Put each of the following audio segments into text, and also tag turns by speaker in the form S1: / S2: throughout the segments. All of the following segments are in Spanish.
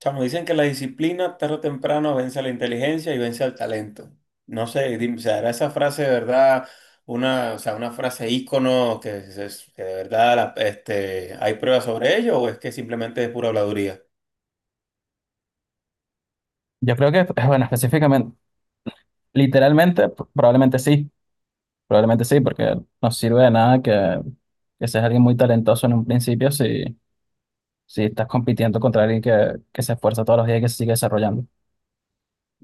S1: Chamo, dicen que la disciplina tarde o temprano vence a la inteligencia y vence al talento. No sé, ¿será esa frase de verdad una, o sea, una frase ícono que de verdad este, hay pruebas sobre ello o es que simplemente es pura habladuría?
S2: Yo creo que, bueno, específicamente, literalmente, probablemente sí, porque no sirve de nada que seas alguien muy talentoso en un principio si estás compitiendo contra alguien que se esfuerza todos los días y que se sigue desarrollando.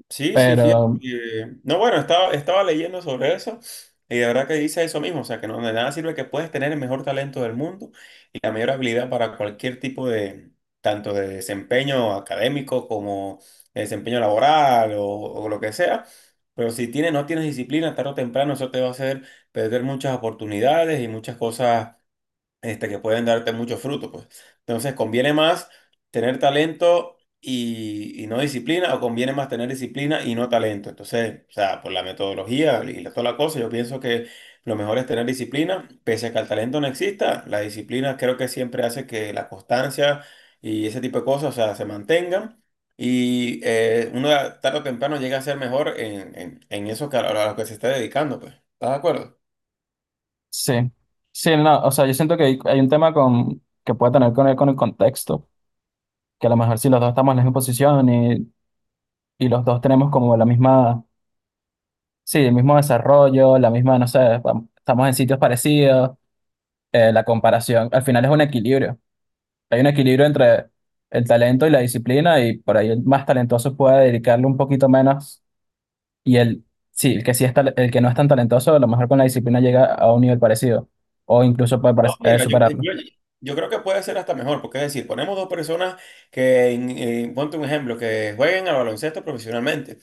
S1: Sí, sí, fíjate.
S2: Pero
S1: No, bueno, estaba leyendo sobre eso y de verdad que dice eso mismo, o sea, que no de nada sirve que puedes tener el mejor talento del mundo y la mayor habilidad para cualquier tipo de, tanto de desempeño académico como de desempeño laboral o lo que sea, pero si tienes, no tienes disciplina, tarde o temprano eso te va a hacer perder muchas oportunidades y muchas cosas este, que pueden darte muchos frutos pues. Entonces, ¿conviene más tener talento y no disciplina o conviene más tener disciplina y no talento? Entonces, o sea, por la metodología y toda la cosa, yo pienso que lo mejor es tener disciplina, pese a que el talento no exista, la disciplina creo que siempre hace que la constancia y ese tipo de cosas, o sea, se mantengan. Y uno tarde o temprano llega a ser mejor en eso que a lo que se está dedicando, pues. ¿Estás de acuerdo?
S2: sí, sí, no, o sea, yo siento que hay un tema que puede tener que ver con el contexto, que a lo mejor si los dos estamos en la misma posición y los dos tenemos como la misma, sí, el mismo desarrollo, la misma, no sé, estamos en sitios parecidos, la comparación, al final es un equilibrio. Hay un equilibrio entre el talento y la disciplina y por ahí el más talentoso puede dedicarle un poquito menos y sí, el que el que no es tan talentoso, a lo mejor con la disciplina llega a un nivel parecido o
S1: No,
S2: incluso puede
S1: mira,
S2: superarlo.
S1: yo creo que puede ser hasta mejor, porque es decir, ponemos dos personas que, ponte un ejemplo, que jueguen al baloncesto profesionalmente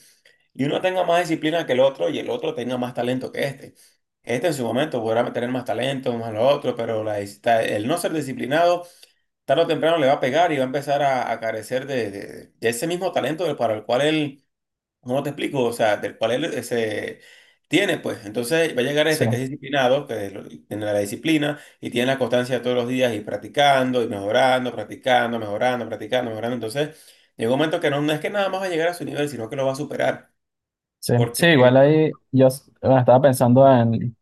S1: y uno tenga más disciplina que el otro y el otro tenga más talento que este. Este en su momento podrá tener más talento, más lo otro, pero el no ser disciplinado tarde o temprano le va a pegar y va a empezar a carecer de ese mismo talento para el cual él. ¿Cómo te explico? O sea, del cual él se tiene, pues. Entonces va a llegar
S2: Sí,
S1: este que es disciplinado, que tiene la disciplina y tiene la constancia todos los días y practicando y mejorando, practicando, mejorando, practicando, mejorando. Entonces llega un momento que no, no es que nada más va a llegar a su nivel, sino que lo va a superar.
S2: sí, sí,
S1: Porque,
S2: igual ahí bueno, estaba pensando en,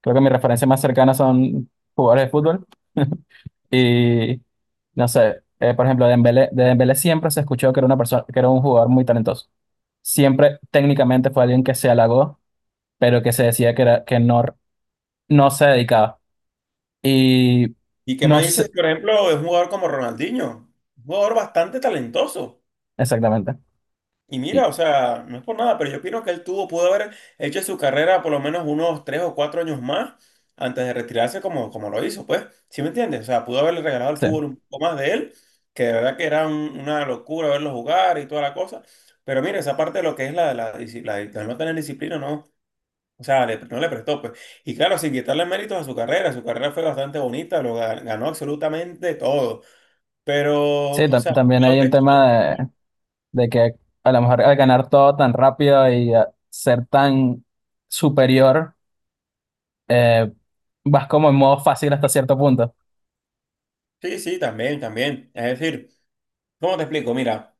S2: creo que mis referencias más cercanas son jugadores de fútbol y no sé, por ejemplo, de Dembélé siempre se escuchó que era una persona, que era un jugador muy talentoso. Siempre técnicamente fue alguien que se halagó pero que se decía era, que no se dedicaba. Y
S1: ¿y qué
S2: no
S1: me dices,
S2: sé
S1: por ejemplo, de un jugador como Ronaldinho? Un jugador bastante talentoso.
S2: exactamente.
S1: Y
S2: Y-
S1: mira, o sea, no es por nada, pero yo opino que él tuvo, pudo haber hecho su carrera por lo menos unos 3 o 4 años más antes de retirarse como, como lo hizo, pues. ¿Sí me entiendes? O sea, pudo haberle regalado al
S2: Sí,
S1: fútbol un poco más de él, que de verdad que era una locura verlo jugar y toda la cosa. Pero mira, esa parte de lo que es la de no tener disciplina, no. O sea, no le prestó, pues. Y claro, sin quitarle méritos a su carrera fue bastante bonita, ganó absolutamente todo. Pero, o sea,
S2: también
S1: pudo
S2: hay
S1: haber
S2: un
S1: hecho-
S2: tema de que a lo mejor al ganar todo tan rápido y a ser tan superior, eh, vas como en modo fácil hasta cierto punto.
S1: sí, sí, también, también. Es decir. ¿Cómo te explico? Mira,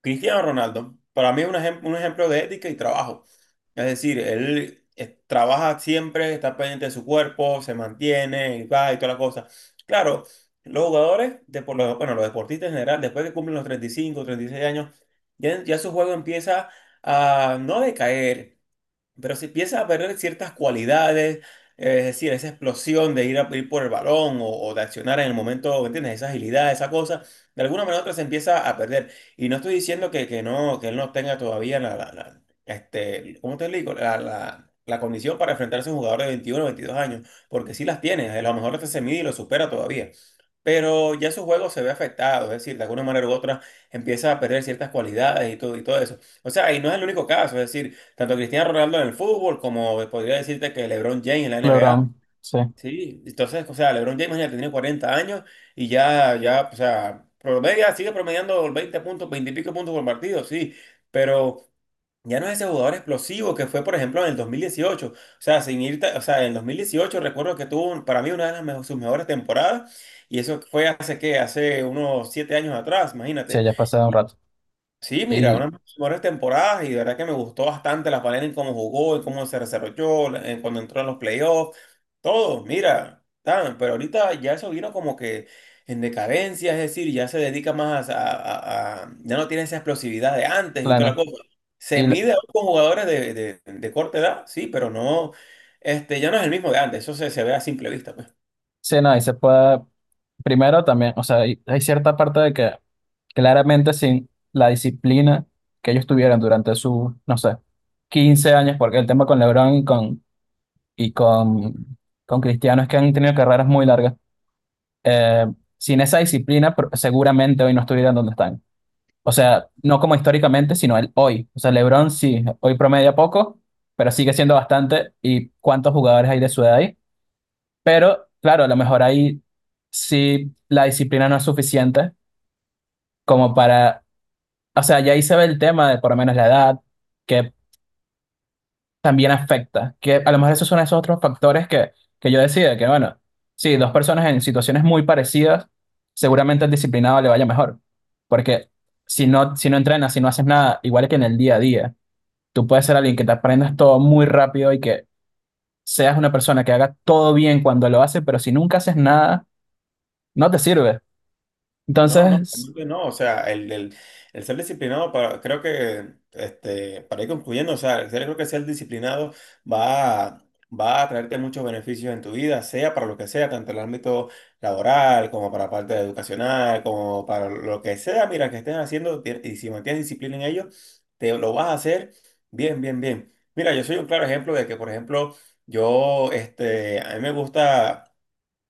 S1: Cristiano Ronaldo, para mí es un ejemplo de ética y trabajo. Es decir, él trabaja siempre, está pendiente de su cuerpo, se mantiene, y va y todas las cosas. Claro, los jugadores, de, bueno, los deportistas en general, después que cumplen los 30 35, 36 años, ya, ya su juego empieza a no decaer, pero si empiezas a perder ciertas cualidades, es decir, esa explosión de ir a ir por el balón o de accionar en el momento, ¿entiendes? Esa agilidad, esa cosa, de alguna manera u otra se empieza a perder. Y no estoy diciendo que no, que él no tenga todavía este, ¿cómo te digo? La condición para enfrentarse a un jugador de 21 22 años, porque sí las tiene, a lo mejor hasta se mide y lo supera todavía, pero ya su juego se ve afectado, es decir, de alguna manera u otra empieza a perder ciertas cualidades y todo eso. O sea, y no es el único caso, es decir, tanto Cristiano Ronaldo en el fútbol como podría decirte que LeBron James en la NBA,
S2: LeBron, sí,
S1: sí, entonces, o sea, LeBron James ya tiene 40 años y ya, ya, o sea, promedia, sigue promediando 20 puntos, 20 puntos y pico puntos por partido, sí, pero... Ya no es ese jugador explosivo que fue, por ejemplo, en el 2018. O sea, sin irte, o sea, en el 2018 recuerdo que tuvo para mí una de las sus mejores temporadas y eso fue hace que hace unos 7 años atrás,
S2: sí,
S1: imagínate.
S2: ya pasé un rato.
S1: Sí, mira, una
S2: Y
S1: de mis mejores temporadas y de verdad que me gustó bastante la manera en cómo jugó, en cómo se desarrolló, en cuando entró en los playoffs, todo, mira, tan, pero ahorita ya eso vino como que en decadencia, es decir, ya se dedica más ya no tiene esa explosividad de antes y toda
S2: claro,
S1: la cosa. Se
S2: y l-
S1: mide ahora con jugadores de, de corta edad, sí, pero no, este, ya no es el mismo de antes, eso se, se ve a simple vista, pues.
S2: sí, no, y se puede, primero también, o sea, hay cierta parte de que claramente sin la disciplina que ellos tuvieran durante sus, no sé, 15 años, porque el tema con LeBron y con, con Cristiano es que han tenido carreras muy largas. Eh, Sin esa disciplina, seguramente hoy no estuvieran donde están. O sea, no como históricamente, sino el hoy. O sea, LeBron sí, hoy promedia poco, pero sigue siendo bastante. ¿Y cuántos jugadores hay de su edad ahí? Pero claro, a lo mejor ahí sí la disciplina no es suficiente como para... O sea, ya ahí se ve el tema de por lo menos la edad, que también afecta, que a lo mejor esos son esos otros factores que yo decía, que bueno, sí, dos personas en situaciones muy parecidas, seguramente al disciplinado le vaya mejor, porque si no, si no entrenas, si no haces nada, igual que en el día a día, tú puedes ser alguien que te aprendas todo muy rápido y que seas una persona que haga todo bien cuando lo hace, pero si nunca haces nada, no te sirve.
S1: No, no,
S2: Entonces,
S1: realmente no, o sea, el ser disciplinado, para, creo que, este, para ir concluyendo, o sea, yo creo que ser disciplinado va a, va a traerte muchos beneficios en tu vida, sea para lo que sea, tanto en el ámbito laboral como para la parte educacional, como para lo que sea, mira, que estés haciendo y si mantienes disciplina en ello, te lo vas a hacer bien, bien, bien. Mira, yo soy un claro ejemplo de que, por ejemplo, yo, este, a mí me gusta...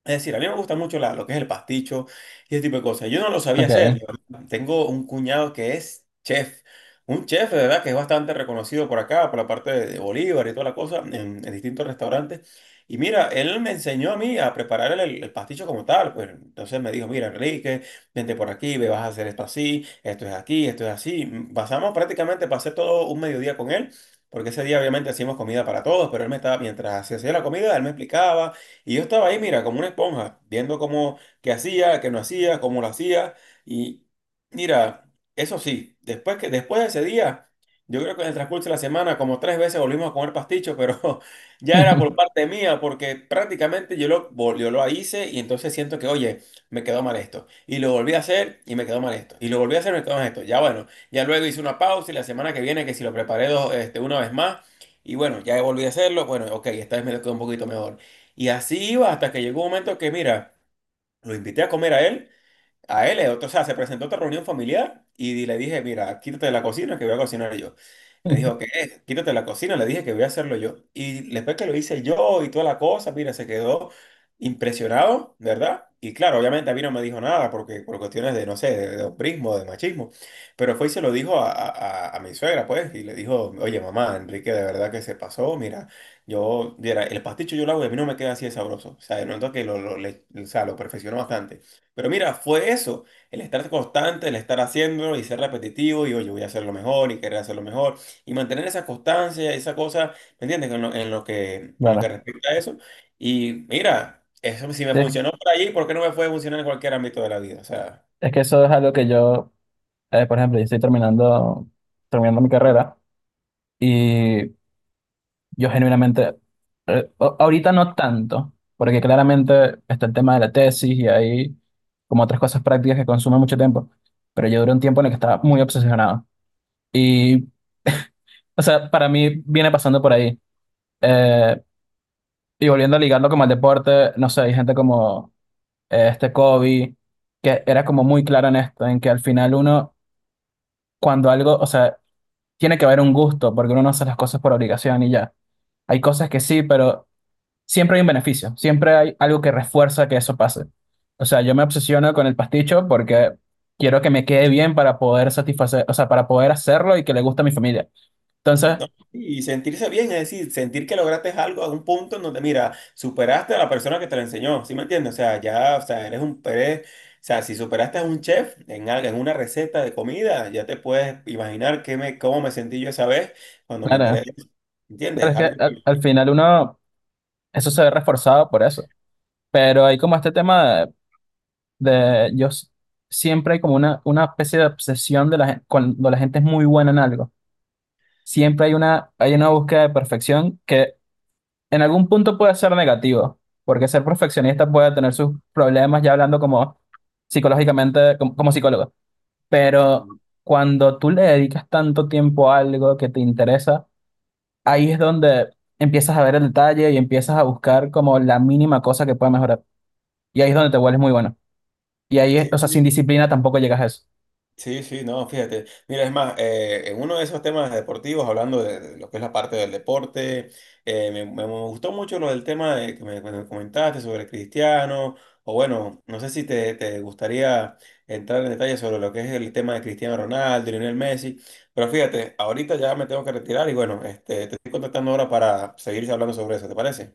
S1: Es decir, a mí me gusta mucho lo que es el pasticho y ese tipo de cosas. Yo no lo sabía hacer.
S2: ok.
S1: Yo tengo un cuñado que es chef, un chef de verdad que es bastante reconocido por acá, por la parte de Bolívar y toda la cosa, en distintos restaurantes. Y mira, él me enseñó a mí a preparar el pasticho como tal. Pues entonces me dijo, mira, Enrique, vente por aquí, ve, vas a hacer esto así, esto es aquí, esto es así. Mm, pasamos prácticamente, pasé todo un mediodía con él. Porque ese día obviamente hacíamos comida para todos, pero él me estaba, mientras se hacía la comida, él me explicaba y yo estaba ahí, mira, como una esponja, viendo cómo, qué hacía, qué no hacía, cómo lo hacía. Y mira, eso sí, después que, después de ese día, yo creo que en el transcurso de la semana, como tres veces volvimos a comer pasticho, pero ya era por parte mía, porque prácticamente yo lo hice y entonces siento que, oye, me quedó mal esto. Y lo volví a hacer y me quedó mal esto. Y lo volví a hacer y me quedó mal esto. Ya bueno, ya luego hice una pausa y la semana que viene, que si lo preparé dos, este, una vez más. Y bueno, ya volví a hacerlo. Bueno, ok, esta vez me quedó un poquito mejor. Y así iba hasta que llegó un momento que, mira, lo invité a comer a él. A él, o sea, se presentó a otra reunión familiar y le dije, mira, quítate de la cocina que voy a cocinar yo. Le dijo, ¿qué? Quítate de la cocina, le dije que voy a hacerlo yo. Y después que lo hice yo y toda la cosa, mira, se quedó impresionado, ¿verdad? Y claro, obviamente a mí no me dijo nada porque por cuestiones de, no sé, de hombrismo, de machismo, pero fue y se lo dijo a mi suegra, pues, y le dijo, oye, mamá, Enrique, de verdad que se pasó, mira, yo, mira, el pasticho yo lo hago y a mí no me queda así de sabroso. O sea, de noto que o sea, lo perfeccionó bastante. Pero mira, fue eso, el estar constante, el estar haciéndolo y ser repetitivo y oye, voy a hacerlo mejor y querer hacerlo mejor y mantener esa constancia, esa cosa, ¿me entiendes? En lo que
S2: Bueno,
S1: respecta a eso. Y mira, eso si me
S2: es
S1: funcionó por allí, ¿por qué no me puede funcionar en cualquier ámbito de la vida? O sea.
S2: es que eso es algo que yo por ejemplo, yo estoy terminando mi carrera y yo genuinamente, ahorita no tanto, porque claramente está el tema de la tesis y hay como otras cosas prácticas que consumen mucho tiempo, pero yo duré un tiempo en el que estaba muy obsesionado. Y, o sea, para mí viene pasando por ahí. Eh, y volviendo a ligarlo como al deporte, no sé, hay gente como este Kobe, que era como muy claro en esto, en que al final uno, cuando algo, o sea, tiene que haber un gusto, porque uno no hace las cosas por obligación y ya. Hay cosas que sí, pero siempre hay un beneficio, siempre hay algo que refuerza que eso pase. O sea, yo me obsesiono con el pasticho porque quiero que me quede bien para poder satisfacer, o sea, para poder hacerlo y que le guste a mi familia. Entonces,
S1: No, y sentirse bien, es decir, sentir que lograste algo a un punto en donde, mira, superaste a la persona que te lo enseñó, ¿sí me entiendes? O sea, ya, o sea, eres un pérez, o sea, si superaste a un chef en algo, en una receta de comida, ya te puedes imaginar qué me, cómo me sentí yo esa vez cuando me enteré
S2: claro,
S1: de eso,
S2: claro,
S1: ¿entiendes?
S2: es
S1: Algo
S2: que al
S1: que-
S2: final uno, eso se ve reforzado por eso. Pero hay como este tema de, de yo s- siempre hay como una especie de obsesión de cuando la gente es muy buena en algo siempre hay hay una búsqueda de perfección que en algún punto puede ser negativo, porque ser perfeccionista puede tener sus problemas ya hablando como psicológicamente, como psicólogo. Pero cuando tú le dedicas tanto tiempo a algo que te interesa, ahí es donde empiezas a ver el detalle y empiezas a buscar como la mínima cosa que pueda mejorar. Y ahí es donde te vuelves muy bueno. Y ahí,
S1: sí,
S2: o sea, sin
S1: sí,
S2: disciplina tampoco llegas a eso.
S1: sí, sí, no, fíjate. Mira, es más, en uno de esos temas deportivos, hablando de lo que es la parte del deporte, me gustó mucho lo del tema de que me comentaste sobre Cristiano, o bueno, no sé si te gustaría entrar en detalle sobre lo que es el tema de Cristiano Ronaldo, Lionel Messi, pero fíjate, ahorita ya me tengo que retirar y bueno, este, te estoy contactando ahora para seguir hablando sobre eso, ¿te parece?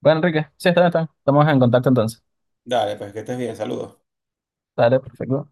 S2: Bueno, Enrique, sí, está bien, está bien. Estamos en contacto entonces.
S1: Dale, pues que estés bien, saludos.
S2: Dale, perfecto.